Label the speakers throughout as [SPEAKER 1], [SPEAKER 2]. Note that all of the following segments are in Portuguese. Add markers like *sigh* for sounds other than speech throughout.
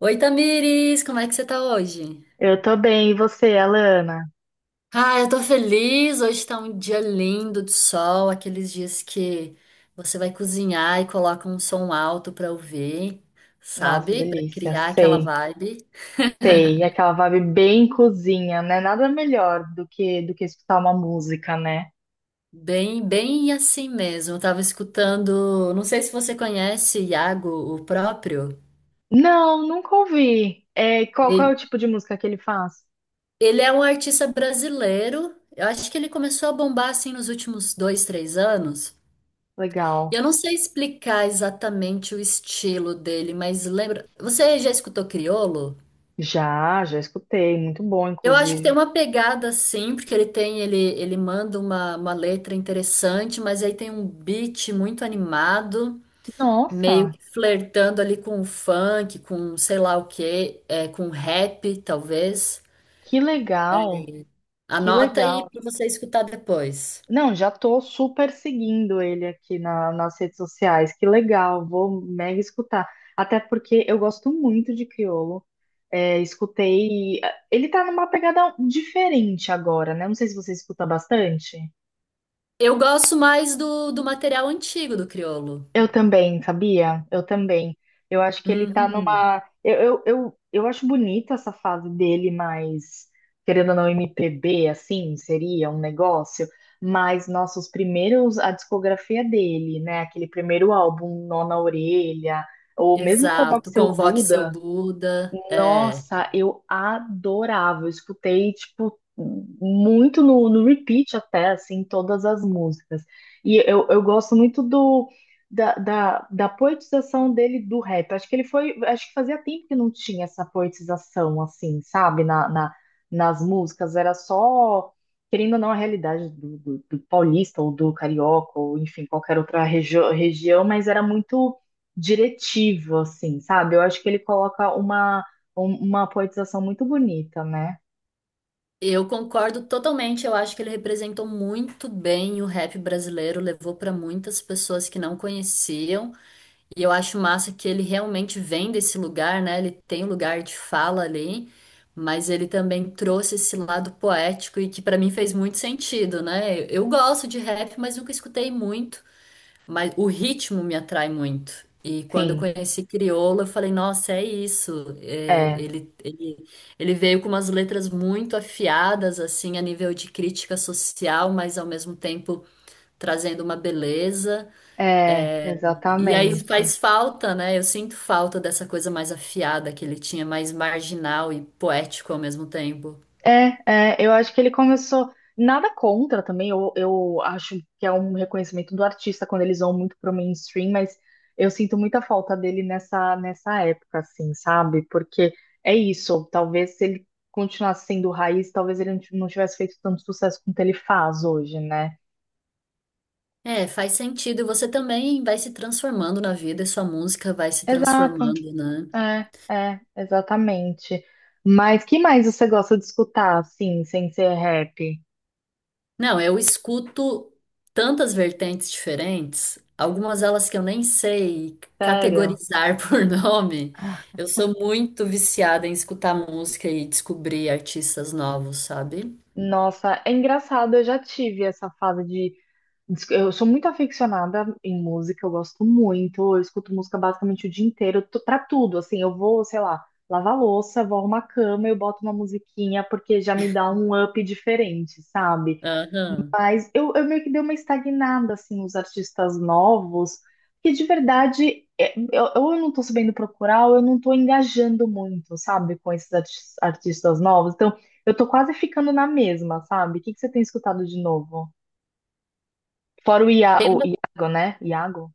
[SPEAKER 1] Oi, Tamires, como é que você tá hoje?
[SPEAKER 2] Eu tô bem, e você, Alana?
[SPEAKER 1] Ah, eu tô feliz. Hoje tá um dia lindo de sol, aqueles dias que você vai cozinhar e coloca um som alto pra ouvir,
[SPEAKER 2] Nossa,
[SPEAKER 1] sabe? Pra
[SPEAKER 2] delícia,
[SPEAKER 1] criar aquela
[SPEAKER 2] sei,
[SPEAKER 1] vibe.
[SPEAKER 2] sei. Aquela vibe bem cozinha, né? Nada melhor do que escutar uma música, né?
[SPEAKER 1] Bem assim mesmo. Eu tava escutando, não sei se você conhece Iago, o próprio.
[SPEAKER 2] Não, nunca ouvi. É, qual é o
[SPEAKER 1] Ele,
[SPEAKER 2] tipo de música que ele faz?
[SPEAKER 1] ele é um artista brasileiro. Eu acho que ele começou a bombar assim nos últimos dois, três anos.
[SPEAKER 2] Legal.
[SPEAKER 1] Eu não sei explicar exatamente o estilo dele, mas lembra. Você já escutou Criolo?
[SPEAKER 2] Já escutei, muito bom,
[SPEAKER 1] Eu acho que tem
[SPEAKER 2] inclusive.
[SPEAKER 1] uma pegada assim, porque ele tem, ele manda uma letra interessante, mas aí tem um beat muito animado, meio
[SPEAKER 2] Nossa,
[SPEAKER 1] que flertando ali com o funk, com sei lá o quê, com rap, talvez.
[SPEAKER 2] que legal, que
[SPEAKER 1] Anota aí
[SPEAKER 2] legal.
[SPEAKER 1] pra você escutar depois.
[SPEAKER 2] Não, já tô super seguindo ele aqui nas redes sociais. Que legal, vou mega escutar. Até porque eu gosto muito de Criolo. É, escutei. Ele tá numa pegada diferente agora, né? Não sei se você escuta bastante.
[SPEAKER 1] Eu gosto mais do material antigo do Criolo.
[SPEAKER 2] Eu também, sabia? Eu também. Eu acho que ele tá
[SPEAKER 1] Uhum.
[SPEAKER 2] numa. Eu acho bonita essa fase dele, mas querendo ou não, MPB, assim, seria um negócio. Mas, nossos primeiros, a discografia dele, né? Aquele primeiro álbum, Nó na Orelha, ou mesmo com o
[SPEAKER 1] Exato,
[SPEAKER 2] Seu
[SPEAKER 1] convoque seu
[SPEAKER 2] Buda,
[SPEAKER 1] Buda. É,
[SPEAKER 2] nossa, eu adorava. Eu escutei, tipo, muito no repeat até, assim, todas as músicas. E eu gosto muito da poetização dele do rap. Acho que ele foi, acho que fazia tempo que não tinha essa poetização, assim, sabe, nas músicas. Era só, querendo ou não, a realidade do paulista ou do carioca, ou enfim, qualquer outra região, mas era muito diretivo, assim, sabe? Eu acho que ele coloca uma uma poetização muito bonita, né?
[SPEAKER 1] eu concordo totalmente. Eu acho que ele representou muito bem o rap brasileiro, levou para muitas pessoas que não conheciam. E eu acho massa que ele realmente vem desse lugar, né? Ele tem um lugar de fala ali, mas ele também trouxe esse lado poético e que para mim fez muito sentido, né? Eu gosto de rap, mas nunca escutei muito. Mas o ritmo me atrai muito. E quando eu
[SPEAKER 2] Sim,
[SPEAKER 1] conheci Criolo, eu falei, nossa, é isso. É,
[SPEAKER 2] é,
[SPEAKER 1] ele veio com umas letras muito afiadas, assim, a nível de crítica social, mas ao mesmo tempo trazendo uma beleza. E aí
[SPEAKER 2] exatamente.
[SPEAKER 1] faz falta, né? Eu sinto falta dessa coisa mais afiada que ele tinha, mais marginal e poético ao mesmo tempo.
[SPEAKER 2] É, é, eu acho que ele começou. Nada contra também, eu acho que é um reconhecimento do artista quando eles vão muito pro mainstream, mas eu sinto muita falta dele nessa época, assim, sabe? Porque é isso, talvez se ele continuasse sendo raiz, talvez ele não tivesse feito tanto sucesso quanto ele faz hoje, né?
[SPEAKER 1] É, faz sentido. Você também vai se transformando na vida e sua música vai se
[SPEAKER 2] Exato.
[SPEAKER 1] transformando, né?
[SPEAKER 2] É, é, exatamente. Mas que mais você gosta de escutar, assim, sem ser rap?
[SPEAKER 1] Não, eu escuto tantas vertentes diferentes, algumas delas que eu nem sei
[SPEAKER 2] Sério?
[SPEAKER 1] categorizar *laughs* por nome. Eu sou muito viciada em escutar música e descobrir artistas novos, sabe?
[SPEAKER 2] Nossa, é engraçado, eu já tive essa fase de. Eu sou muito aficionada em música, eu gosto muito, eu escuto música basicamente o dia inteiro, pra tudo, assim, eu vou, sei lá, lavar louça, vou arrumar a cama, eu boto uma musiquinha, porque já me dá um up diferente, sabe?
[SPEAKER 1] Aham.
[SPEAKER 2] Mas eu meio que dei uma estagnada, assim, nos artistas novos, que de verdade é, eu não tô sabendo procurar, ou eu não tô engajando muito, sabe, com esses artistas novos. Então, eu tô quase ficando na mesma, sabe? O que que você tem escutado de novo? Fora
[SPEAKER 1] Tem
[SPEAKER 2] o
[SPEAKER 1] uma-
[SPEAKER 2] Iago, né? Iago?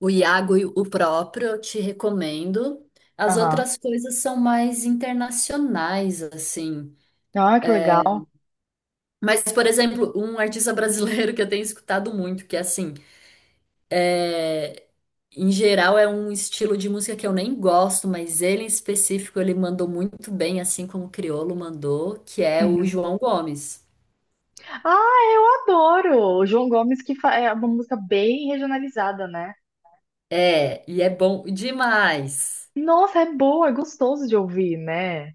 [SPEAKER 1] o Iago e o próprio, eu te recomendo. As
[SPEAKER 2] Aham.
[SPEAKER 1] outras coisas são mais internacionais, assim.
[SPEAKER 2] Ah, que legal.
[SPEAKER 1] Mas, por exemplo, um artista *laughs* brasileiro que eu tenho escutado muito, que é assim. Em geral, é um estilo de música que eu nem gosto, mas ele em específico ele mandou muito bem, assim como o Criolo mandou, que é o
[SPEAKER 2] Uhum.
[SPEAKER 1] João Gomes.
[SPEAKER 2] Ah, eu adoro! O João Gomes, que é uma música bem regionalizada, né?
[SPEAKER 1] É, e é bom demais.
[SPEAKER 2] Nossa, é boa, é gostoso de ouvir, né?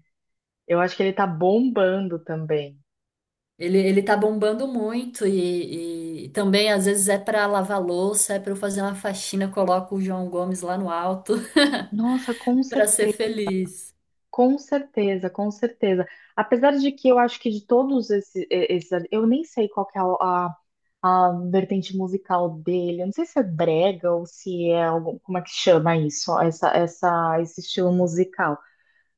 [SPEAKER 2] Eu acho que ele tá bombando também.
[SPEAKER 1] Ele tá bombando muito e também às vezes é pra lavar louça, é pra eu fazer uma faxina, eu coloco o João Gomes lá no alto
[SPEAKER 2] Nossa, com
[SPEAKER 1] *laughs* pra ser
[SPEAKER 2] certeza,
[SPEAKER 1] feliz.
[SPEAKER 2] com certeza, com certeza. Apesar de que eu acho que de todos esses, esses eu nem sei qual que é a vertente musical dele. Eu não sei se é brega ou se é algum, como é que chama isso, ó, esse estilo musical.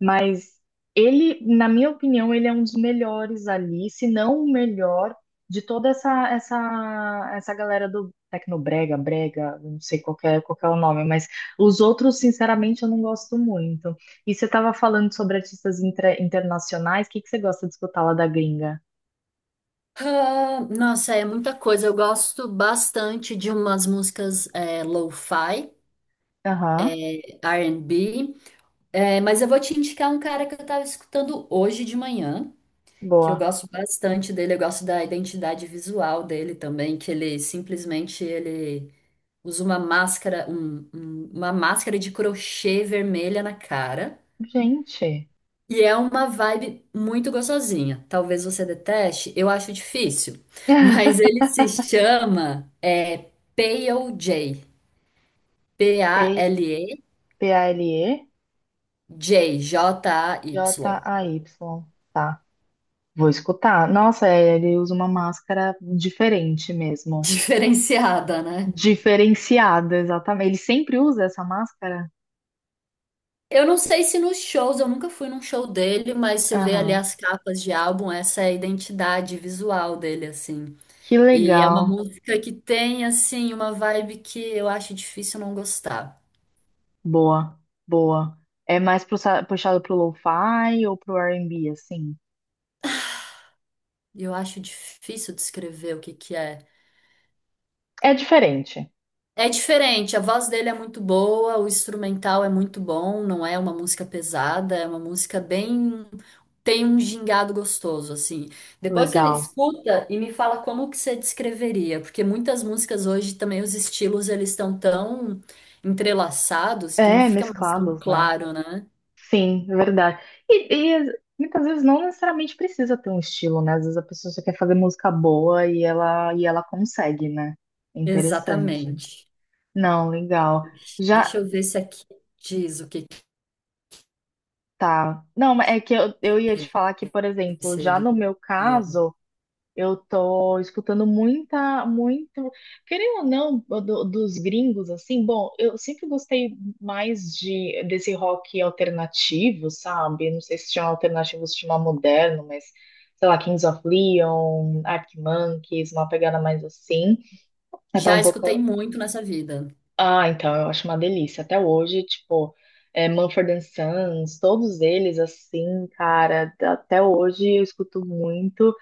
[SPEAKER 2] Mas ele, na minha opinião, ele é um dos melhores ali, se não o melhor de toda essa essa galera do Tecnobrega, Brega, não sei qual que é o nome, mas os outros, sinceramente, eu não gosto muito. E você estava falando sobre artistas internacionais, o que que você gosta de escutar lá da gringa?
[SPEAKER 1] Ah, nossa, é muita coisa. Eu gosto bastante de umas músicas lo-fi,
[SPEAKER 2] Aham,
[SPEAKER 1] R&B. É, mas eu vou te indicar um cara que eu tava escutando hoje de manhã, que eu
[SPEAKER 2] boa.
[SPEAKER 1] gosto bastante dele, eu gosto da identidade visual dele também, que ele simplesmente ele usa uma máscara, uma máscara de crochê vermelha na cara,
[SPEAKER 2] Gente,
[SPEAKER 1] e é uma vibe muito gostosinha. Talvez você deteste, eu acho difícil, *laughs* mas
[SPEAKER 2] *laughs*
[SPEAKER 1] ele se chama Pale J, P-A-L-E J, J-A-Y.
[SPEAKER 2] P-A-L-E-J-A-Y, tá. Vou escutar. Nossa, é, ele usa uma máscara diferente
[SPEAKER 1] *laughs*
[SPEAKER 2] mesmo.
[SPEAKER 1] Diferenciada, né?
[SPEAKER 2] Diferenciada, exatamente. Ele sempre usa essa máscara?
[SPEAKER 1] Eu não sei se nos shows, eu nunca fui num show dele, mas você vê ali
[SPEAKER 2] Aham.
[SPEAKER 1] as capas de álbum, essa é a identidade visual dele, assim.
[SPEAKER 2] Que
[SPEAKER 1] E é uma
[SPEAKER 2] legal.
[SPEAKER 1] música que tem, assim, uma vibe que eu acho difícil não gostar.
[SPEAKER 2] Boa, boa. É mais puxado pro lo-fi ou pro R&B, assim?
[SPEAKER 1] Eu acho difícil descrever o que que é.
[SPEAKER 2] É diferente.
[SPEAKER 1] É diferente, a voz dele é muito boa, o instrumental é muito bom, não é uma música pesada, é uma música bem. Tem um gingado gostoso, assim. Depois você
[SPEAKER 2] Legal.
[SPEAKER 1] escuta e me fala como que você descreveria, porque muitas músicas hoje também os estilos eles estão tão entrelaçados que não
[SPEAKER 2] É,
[SPEAKER 1] fica mais tão
[SPEAKER 2] mesclados, né?
[SPEAKER 1] claro, né?
[SPEAKER 2] Sim, é verdade. E muitas vezes não necessariamente precisa ter um estilo, né? Às vezes a pessoa só quer fazer música boa e ela consegue, né? Interessante.
[SPEAKER 1] Exatamente.
[SPEAKER 2] Não, legal. Já
[SPEAKER 1] Deixa eu ver se aqui diz o que que
[SPEAKER 2] tá. Não, mas é que eu ia te falar que, por exemplo, já
[SPEAKER 1] seria.
[SPEAKER 2] no meu caso, eu tô escutando muita, muito, querendo ou não, dos gringos, assim, bom, eu sempre gostei mais de desse rock alternativo, sabe? Não sei se chama alternativo, se chama moderno, mas sei lá, Kings of Leon, Arctic Monkeys, uma pegada mais assim. É até
[SPEAKER 1] Já
[SPEAKER 2] um pouco
[SPEAKER 1] escutei muito nessa vida.
[SPEAKER 2] ah, então, eu acho uma delícia. Até hoje, tipo, é, Mumford and Sons, todos eles, assim, cara, até hoje eu escuto muito.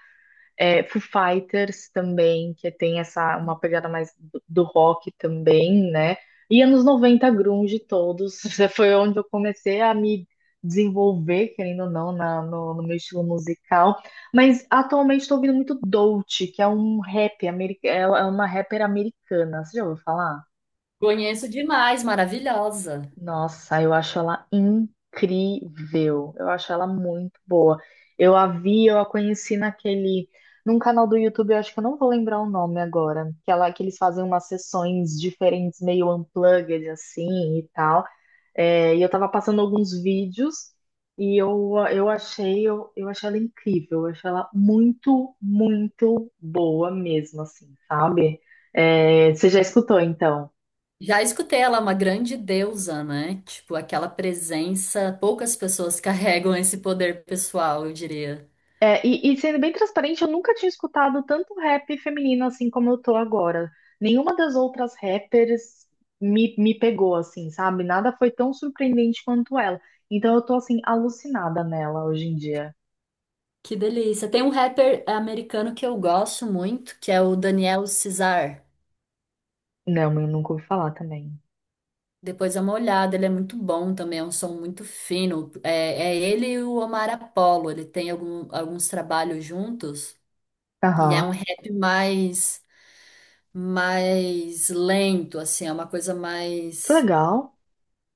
[SPEAKER 2] É, Foo Fighters também, que tem essa, uma pegada mais do rock também, né? E anos 90, grunge todos. *laughs* Foi onde eu comecei a me desenvolver, querendo ou não, no, no meu estilo musical. Mas atualmente estou ouvindo muito Dolce, que é um rap, é uma rapper americana. Você já ouviu falar?
[SPEAKER 1] Conheço demais, maravilhosa.
[SPEAKER 2] Nossa, eu acho ela incrível. Eu acho ela muito boa. Eu a vi, eu a conheci naquele, num canal do YouTube, eu acho que eu não vou lembrar o nome agora, que ela que eles fazem umas sessões diferentes, meio unplugged assim e tal. É, e eu tava passando alguns vídeos e eu achei ela incrível. Eu achei ela muito, muito boa mesmo, assim, sabe? É, você já escutou então?
[SPEAKER 1] Já escutei ela uma grande deusa, né? Tipo, aquela presença, poucas pessoas *laughs* carregam esse poder pessoal, eu diria.
[SPEAKER 2] É, e sendo bem transparente, eu nunca tinha escutado tanto rap feminino assim como eu tô agora. Nenhuma das outras rappers me pegou assim, sabe? Nada foi tão surpreendente quanto ela. Então eu tô assim, alucinada nela hoje em dia.
[SPEAKER 1] Que delícia. Tem um rapper americano que eu gosto muito, que é o Daniel Cesar.
[SPEAKER 2] Não, eu nunca ouvi falar também.
[SPEAKER 1] Depois dá uma olhada, ele é muito bom também, é um som muito fino. É, é ele e o Omar Apollo, ele tem algum- alguns trabalhos juntos, e é um
[SPEAKER 2] Aham.
[SPEAKER 1] rap mais, mais lento, assim, é uma coisa
[SPEAKER 2] Que
[SPEAKER 1] mais.
[SPEAKER 2] legal.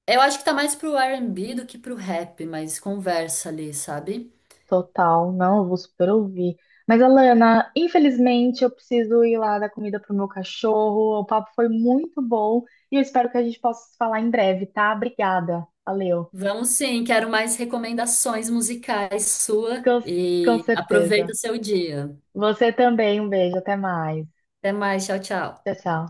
[SPEAKER 1] Eu acho que tá mais pro R&B do que pro rap, mas conversa ali, sabe?
[SPEAKER 2] Total. Não, eu vou super ouvir. Mas, Alana, infelizmente eu preciso ir lá dar comida pro meu cachorro. O papo foi muito bom e eu espero que a gente possa se falar em breve, tá? Obrigada. Valeu.
[SPEAKER 1] Vamos sim, quero mais recomendações musicais sua
[SPEAKER 2] Com, com
[SPEAKER 1] e aproveita
[SPEAKER 2] certeza.
[SPEAKER 1] o seu dia.
[SPEAKER 2] Você também, um beijo, até mais.
[SPEAKER 1] Até mais, tchau, tchau.
[SPEAKER 2] Tchau, tchau.